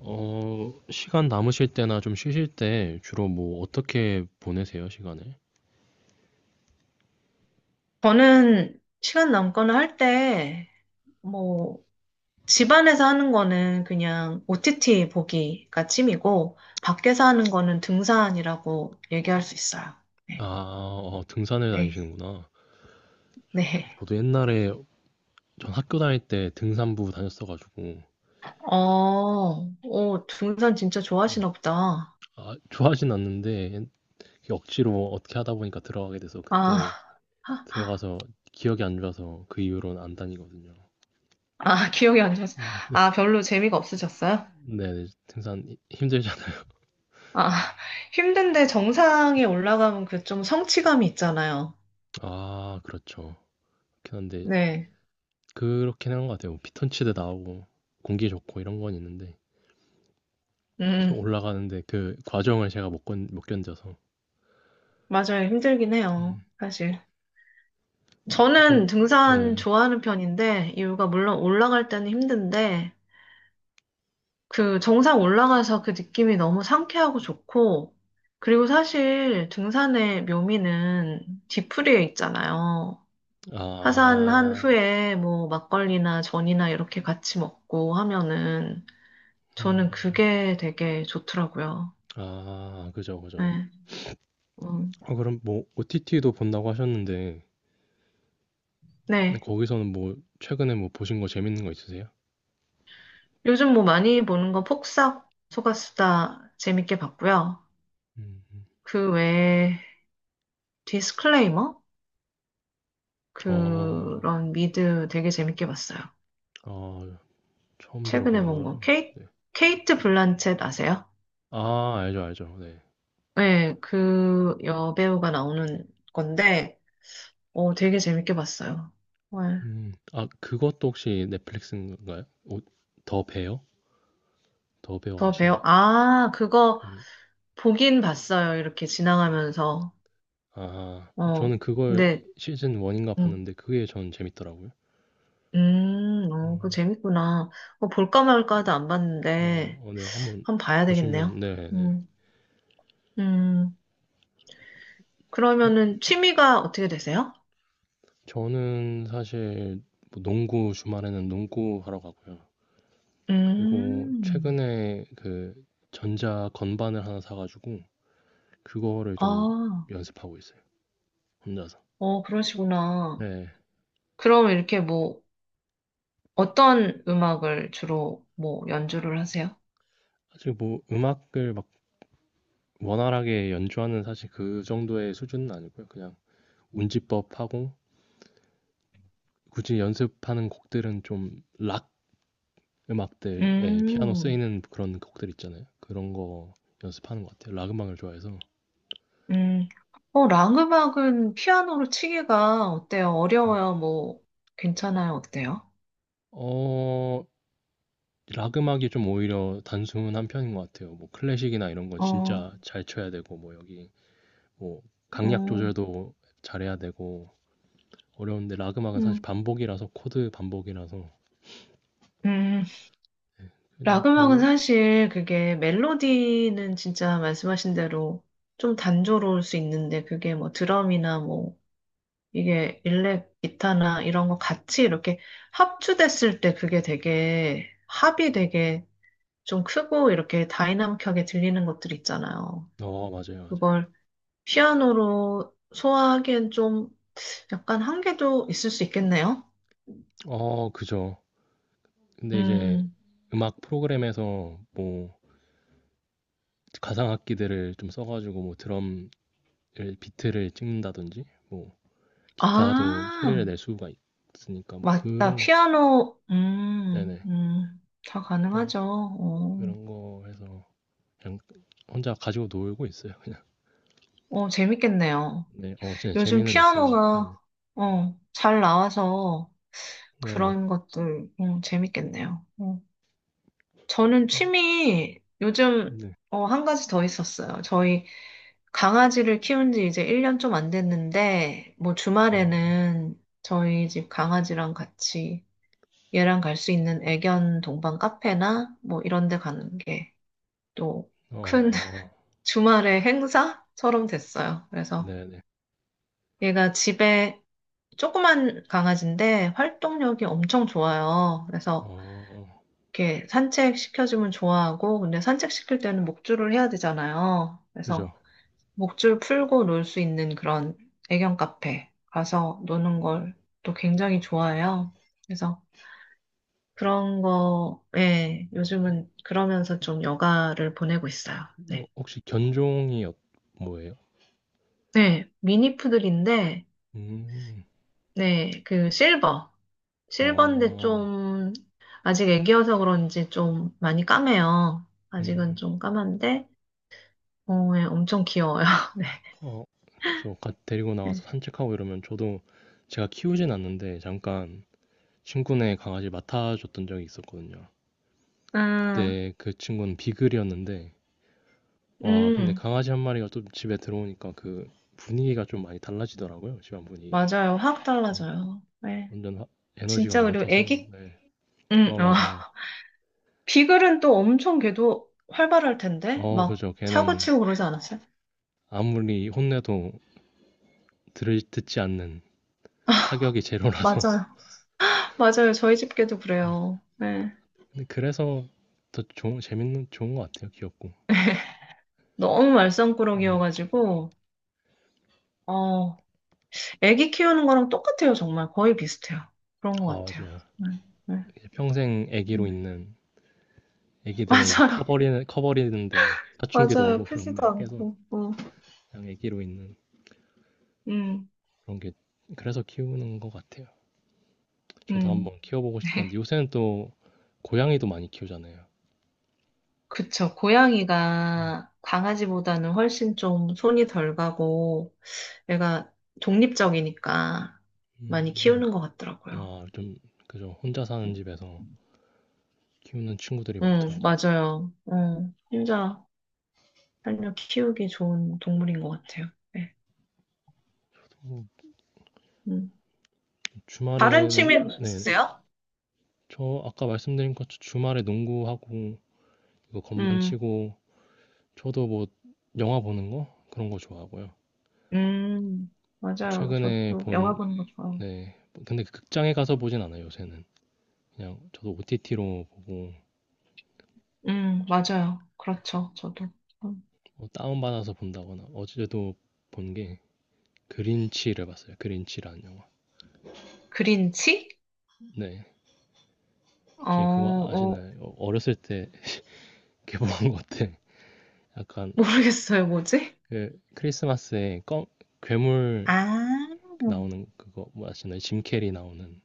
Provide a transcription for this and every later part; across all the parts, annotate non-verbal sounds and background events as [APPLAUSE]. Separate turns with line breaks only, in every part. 시간 남으실 때나 좀 쉬실 때 주로 뭐 어떻게 보내세요, 시간을?
저는 시간 남거나 할 때, 뭐, 집안에서 하는 거는 그냥 OTT 보기가 취미고, 밖에서 하는 거는 등산이라고 얘기할 수 있어요.
아,
네,
등산을
네,
다니시는구나.
네.
저도 옛날에 전 학교 다닐 때 등산부 다녔어가지고,
오, 등산 진짜 좋아하시나 보다.
아, 좋아하진 않는데, 억지로 어떻게 하다 보니까 들어가게 돼서
아,
그때 들어가서 기억이 안 좋아서 그 이후로는 안 다니거든요.
아, 기억이 안 나서. 아, 별로 재미가 없으셨어요?
네, 네, 힘들잖아요.
아, 힘든데 정상에 올라가면 그 좀 성취감이 있잖아요.
아, 그렇죠. 그렇긴 한데,
네,
그렇긴 한 것 같아요. 피톤치드 나오고, 공기 좋고 이런 건 있는데. 좀
음,
올라가는데 그 과정을 제가 못 견뎌서.
맞아요. 힘들긴 해요,
네.
사실.
어, 그럼,
저는 등산
네.
좋아하는 편인데, 이유가 물론 올라갈 때는 힘든데, 그 정상 올라가서 그 느낌이 너무 상쾌하고 좋고, 그리고 사실 등산의 묘미는 뒤풀이에 있잖아요. 하산한
아,
후에 뭐 막걸리나 전이나 이렇게 같이 먹고 하면은 저는
음,
그게 되게 좋더라고요.
아, 그죠, 그죠.
네. 음.
그럼 뭐, OTT도 본다고 하셨는데, 근데
네.
거기서는 뭐, 최근에 뭐, 보신 거 재밌는 거 있으세요?
요즘 뭐 많이 보는 건 폭삭 소가수다 재밌게 봤고요.
음, 음.
그 외에 디스클레이머?
어,
그런 미드 되게 재밌게 봤어요.
아, 아, 처음
최근에
들어보는
본
거라서.
거. 케이,
네.
케이트 블란쳇 아세요?
아, 알죠, 알죠. 네.
네, 그 여배우가 나오는 건데, 되게 재밌게 봤어요. 정
아, 그것도 혹시 넷플릭스인가요? 오, 더 베어? 더 베어
더배우
아시나요?
아, 그거
그,
보긴 봤어요. 이렇게 지나가면서.
아,
어,
저는 그걸
근데,
시즌 1인가
음,
봤는데 그게 전 재밌더라고요.
어, 그거 재밌구나. 어, 볼까 말까 하다 안
어,
봤는데,
어, 네, 한번
한번 봐야 되겠네요.
보시면 네, 네.
음, 음, 그러면은 취미가 어떻게 되세요?
저, 는 사실 뭐 농구 주말에는 농구 하러 가고요. 그리고
음,
최근에 그 전자 건반을 하나 사가지고 그거를 좀
아,
연습하고 있어요. 혼자서.
어, 그러시구나.
네.
그럼 이렇게 뭐, 어떤 음악을 주로 뭐 연주를 하세요?
사실 뭐 음악을 막 원활하게 연주하는 사실 그 정도의 수준은 아니고요. 그냥 운지법 하고 굳이 연습하는 곡들은 좀락 음악들, 에 피아노
음,
쓰이는 그런 곡들 있잖아요. 그런 거 연습하는 것 같아요. 락 음악을 좋아해서.
음, 어, 랑 음악은 피아노로 치기가 어때요?
네.
어려워요? 뭐, 괜찮아요? 어때요?
어, 락 음악이 좀 오히려 단순한 편인 것 같아요. 뭐 클래식이나 이런 건
어,
진짜 잘 쳐야 되고, 뭐 여기, 뭐 강약
어,
조절도 잘해야 되고, 어려운데 락 음악은 사실
음,
반복이라서, 코드 반복이라서,
음,
그냥
락 음악은
그,
사실 그게 멜로디는 진짜 말씀하신 대로 좀 단조로울 수 있는데 그게 뭐 드럼이나 뭐 이게 일렉 기타나 이런 거 같이 이렇게 합주됐을 때 그게 되게 합이 되게 좀 크고 이렇게 다이나믹하게 들리는 것들 있잖아요.
어, 맞아요, 맞아요.
그걸 피아노로 소화하기엔 좀 약간 한계도 있을 수 있겠네요.
어, 그죠. 근데 이제
음,
음악 프로그램에서 뭐 가상악기들을 좀 써가지고 뭐 드럼 비트를 찍는다든지 뭐 기타도 소리를
아,
낼 수가 있으니까 뭐
맞다.
그런 거
피아노,
네네
다
그래서
가능하죠. 어,
그런 거 해서 그냥 혼자 가지고 놀고 있어요 그냥
어, 재밌겠네요.
네어 진짜
요즘
재미는 있어요 네네
피아노가, 잘 나와서
네.
그런 것들, 재밌겠네요. 어. 저는 취미, 요즘,
네.
한 가지 더 있었어요. 저희 강아지를 키운 지 이제 1년 좀 안 됐는데, 뭐
음,
주말에는 저희 집 강아지랑 같이 얘랑 갈 수 있는 애견 동반 카페나 뭐 이런 데 가는 게 또 큰
어,
[LAUGHS] 주말의 행사처럼 됐어요. 그래서
네네.
얘가 집에 조그만 강아지인데 활동력이 엄청 좋아요. 그래서
어,
이렇게 산책 시켜주면 좋아하고, 근데 산책 시킬 때는 목줄을 해야 되잖아요.
그죠.
그래서 목줄 풀고 놀 수 있는 그런 애견 카페 가서 노는 걸 또 굉장히 좋아해요. 그래서 그런 거, 예,
어,
요즘은 그러면서 좀 여가를 보내고 있어요. 네.
혹시 견종이 어, 뭐예요?
네, 미니푸들인데,
음,
네, 그 실버. 실버인데
어,
좀, 아직 애기여서 그런지 좀 많이 까매요. 아직은
음,
좀 까만데, 어, 예, 엄청 귀여워요. [LAUGHS]
어, 그죠. 가, 데리고 나와서
네.
산책하고 이러면 저도 제가 키우진 않는데 잠깐 친구네 강아지를 맡아줬던 적이 있었거든요.
음,
그때 그 친구는 비글이었는데,
음,
와, 근데
음,
강아지 한 마리가 또 집에 들어오니까 그 분위기가 좀 많이 달라지더라고요. 집안 분위기가.
맞아요. 확
네.
달라져요. 네.
완전 하- 에너지가
진짜, 그리고
넘쳐서,
애기,
네. 어,
어.
맞아요.
[LAUGHS] 비글은 또 엄청 걔도 활발할 텐데,
어,
막
그죠. 걔는
사고치고 그러지 않았어요?
아무리 혼내도 듣지 않는 타격이 제로라서.
맞아요. [LAUGHS] 맞아요. 저희 집 개도 그래요. 네.
[LAUGHS] 근데 그래서 더 좋은, 재밌는, 좋은 것 같아요. 귀엽고.
너무
네.
말썽꾸러기여가지고, 어, 애기 키우는 거랑 똑같아요, 정말. 거의 비슷해요. 그런 것
아,
같아요.
맞아요.
네, 네.
이제 평생 애기로
음.
있는 애기들은 이제
맞아요.
커버리는데
[LAUGHS]
사춘기도
맞아요.
오고
크지도
그런데 계속
않고. 어.
그냥 애기로 있는
음,
그런 게 그래서 키우는 것 같아요. 저도
음.
한번 키워보고 싶긴
[LAUGHS]
한데 요새는 또 고양이도 많이 키우잖아요.
그쵸.
음,
고양이가 강아지보다는 훨씬 좀 손이 덜 가고, 얘가 독립적이니까
음,
많이 키우는 것 같더라고요.
아, 좀 그죠. 혼자 사는 집에서 키우는 친구들이 많더라고요.
맞아요. 혼자 살려 키우기 좋은 동물인 것 같아요. 네.
뭐,
음. 다른
주말에는
취미
네,
있으세요?
저 아까 말씀드린 것처럼 주말에 농구하고 이거 건반
음.
치고 저도 뭐 영화 보는 거 그런 거 좋아하고요.
음, 맞아요.
최근에
저도 영화
본
보는 거 좋아요.
네. 근데 그 극장에 가서 보진 않아요, 요새는. 그냥 저도 OTT로 보고
맞아요. 그렇죠. 저도. 음,
뭐 다운받아서 본다거나 어제도 본 게 그린치를 봤어요. 그린치라는 영화.
그린치?
네.
어,
혹시 그거
어,
아시나요? 어, 어렸을 때 [LAUGHS] 개봉한 것 같아. 약간
모르겠어요. 뭐지?
그 크리스마스에 껌, 괴물
아,
나오는 그거 뭐 아시나요? 짐 캐리 나오는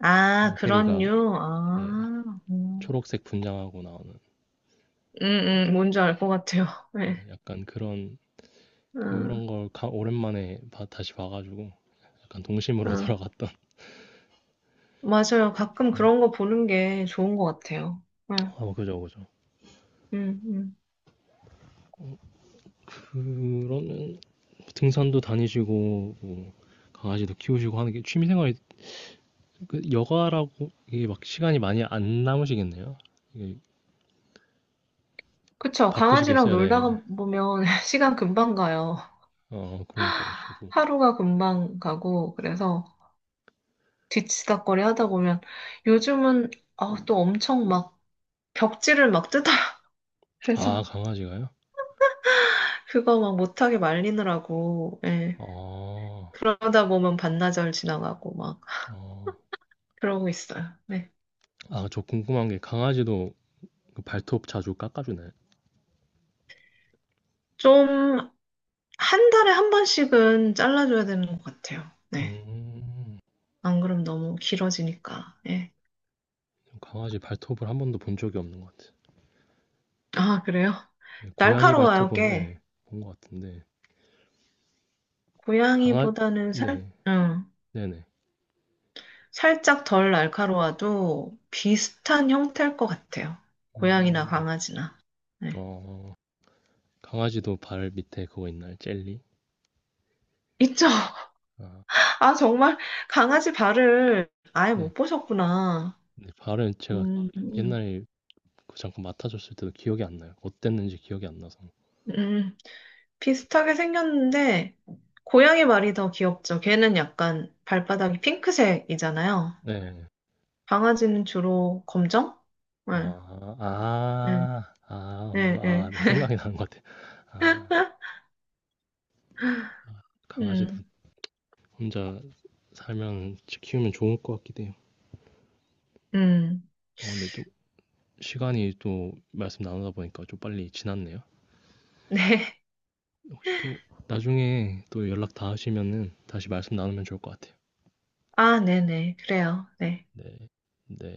아,
짐
그런
캐리가
류.
네,
아,
초록색 분장하고 나오는
음, 뭔지 알 것 같아요. [LAUGHS]
네,
네.
약간 그런
음,
그런 걸 오랜만에 다시 봐가지고 약간 동심으로
음.
[LAUGHS] 돌아갔던
맞아요. 가끔
네,
그런 거 보는 게 좋은 것 같아요. 네.
아, 뭐 그죠, 그죠.
음, 음.
그러면 등산도 다니시고 뭐 강아지도 키우시고 하는 게 취미생활이 그 여가라고 이게 막 시간이 많이 안 남으시겠네요. 이게
그쵸. 강아지랑
바쁘시겠어요, 네.
놀다가 보면 [LAUGHS] 시간 금방 가요.
어, 그러니까요, 저도.
하루가 금방 가고, 그래서. 뒤치다꺼리 하다 보면 요즘은 아, 또 엄청 막 벽지를 막 뜯어요. [LAUGHS]
아,
그래서
강아지가요?
그거 막 못하게 말리느라고 예.
아,
그러다 보면 반나절 지나가고 막
어.
그러고 있어요. 네.
아, 저 궁금한 게 강아지도 그 발톱 자주 깎아주나요?
좀 한 달에 한 번씩은 잘라줘야 되는 것 같아요. 네.
음,
안 그럼 너무 길어지니까. 예.
강아지 발톱을 한 번도 본 적이 없는 것 같아요.
아, 그래요?
네, 고양이
날카로워요,
발톱은 네,
꽤.
본 것 같은데 강아,
고양이보다는 살,
네,
응.
네네.
살짝 덜 날카로워도 비슷한 형태일 것 같아요. 고양이나
음.
강아지나. 네.
어, 강아지도 발 밑에 그거 있나요? 젤리?
있죠? [LAUGHS]
아,
아, 정말 강아지 발을 아예
네.
못 보셨구나.
근데 발은 제가
음, 음,
옛날에 그 잠깐 맡아줬을 때도 기억이 안 나요. 어땠는지 기억이 안 나서.
음. 비슷하게 생겼는데, 고양이 발이 더 귀엽죠. 걔는 약간 발바닥이 핑크색이잖아요.
네.
강아지는 주로 검정? 네,
아,
네,
아, 아,
네,
뭔가, 아,
네.
내 생각이 나는 것 같아요. 아, 강아지도
음,
혼자 살면, 키우면 좋을 것 같기도 해요.
음.
어, 근데 또, 시간이 또, 말씀 나누다 보니까 좀 빨리 지났네요.
네.
혹시 또, 나중에 또 연락 다 하시면은, 다시 말씀 나누면 좋을 것 같아요.
아, 네네. 그래요. 네.
네. 네.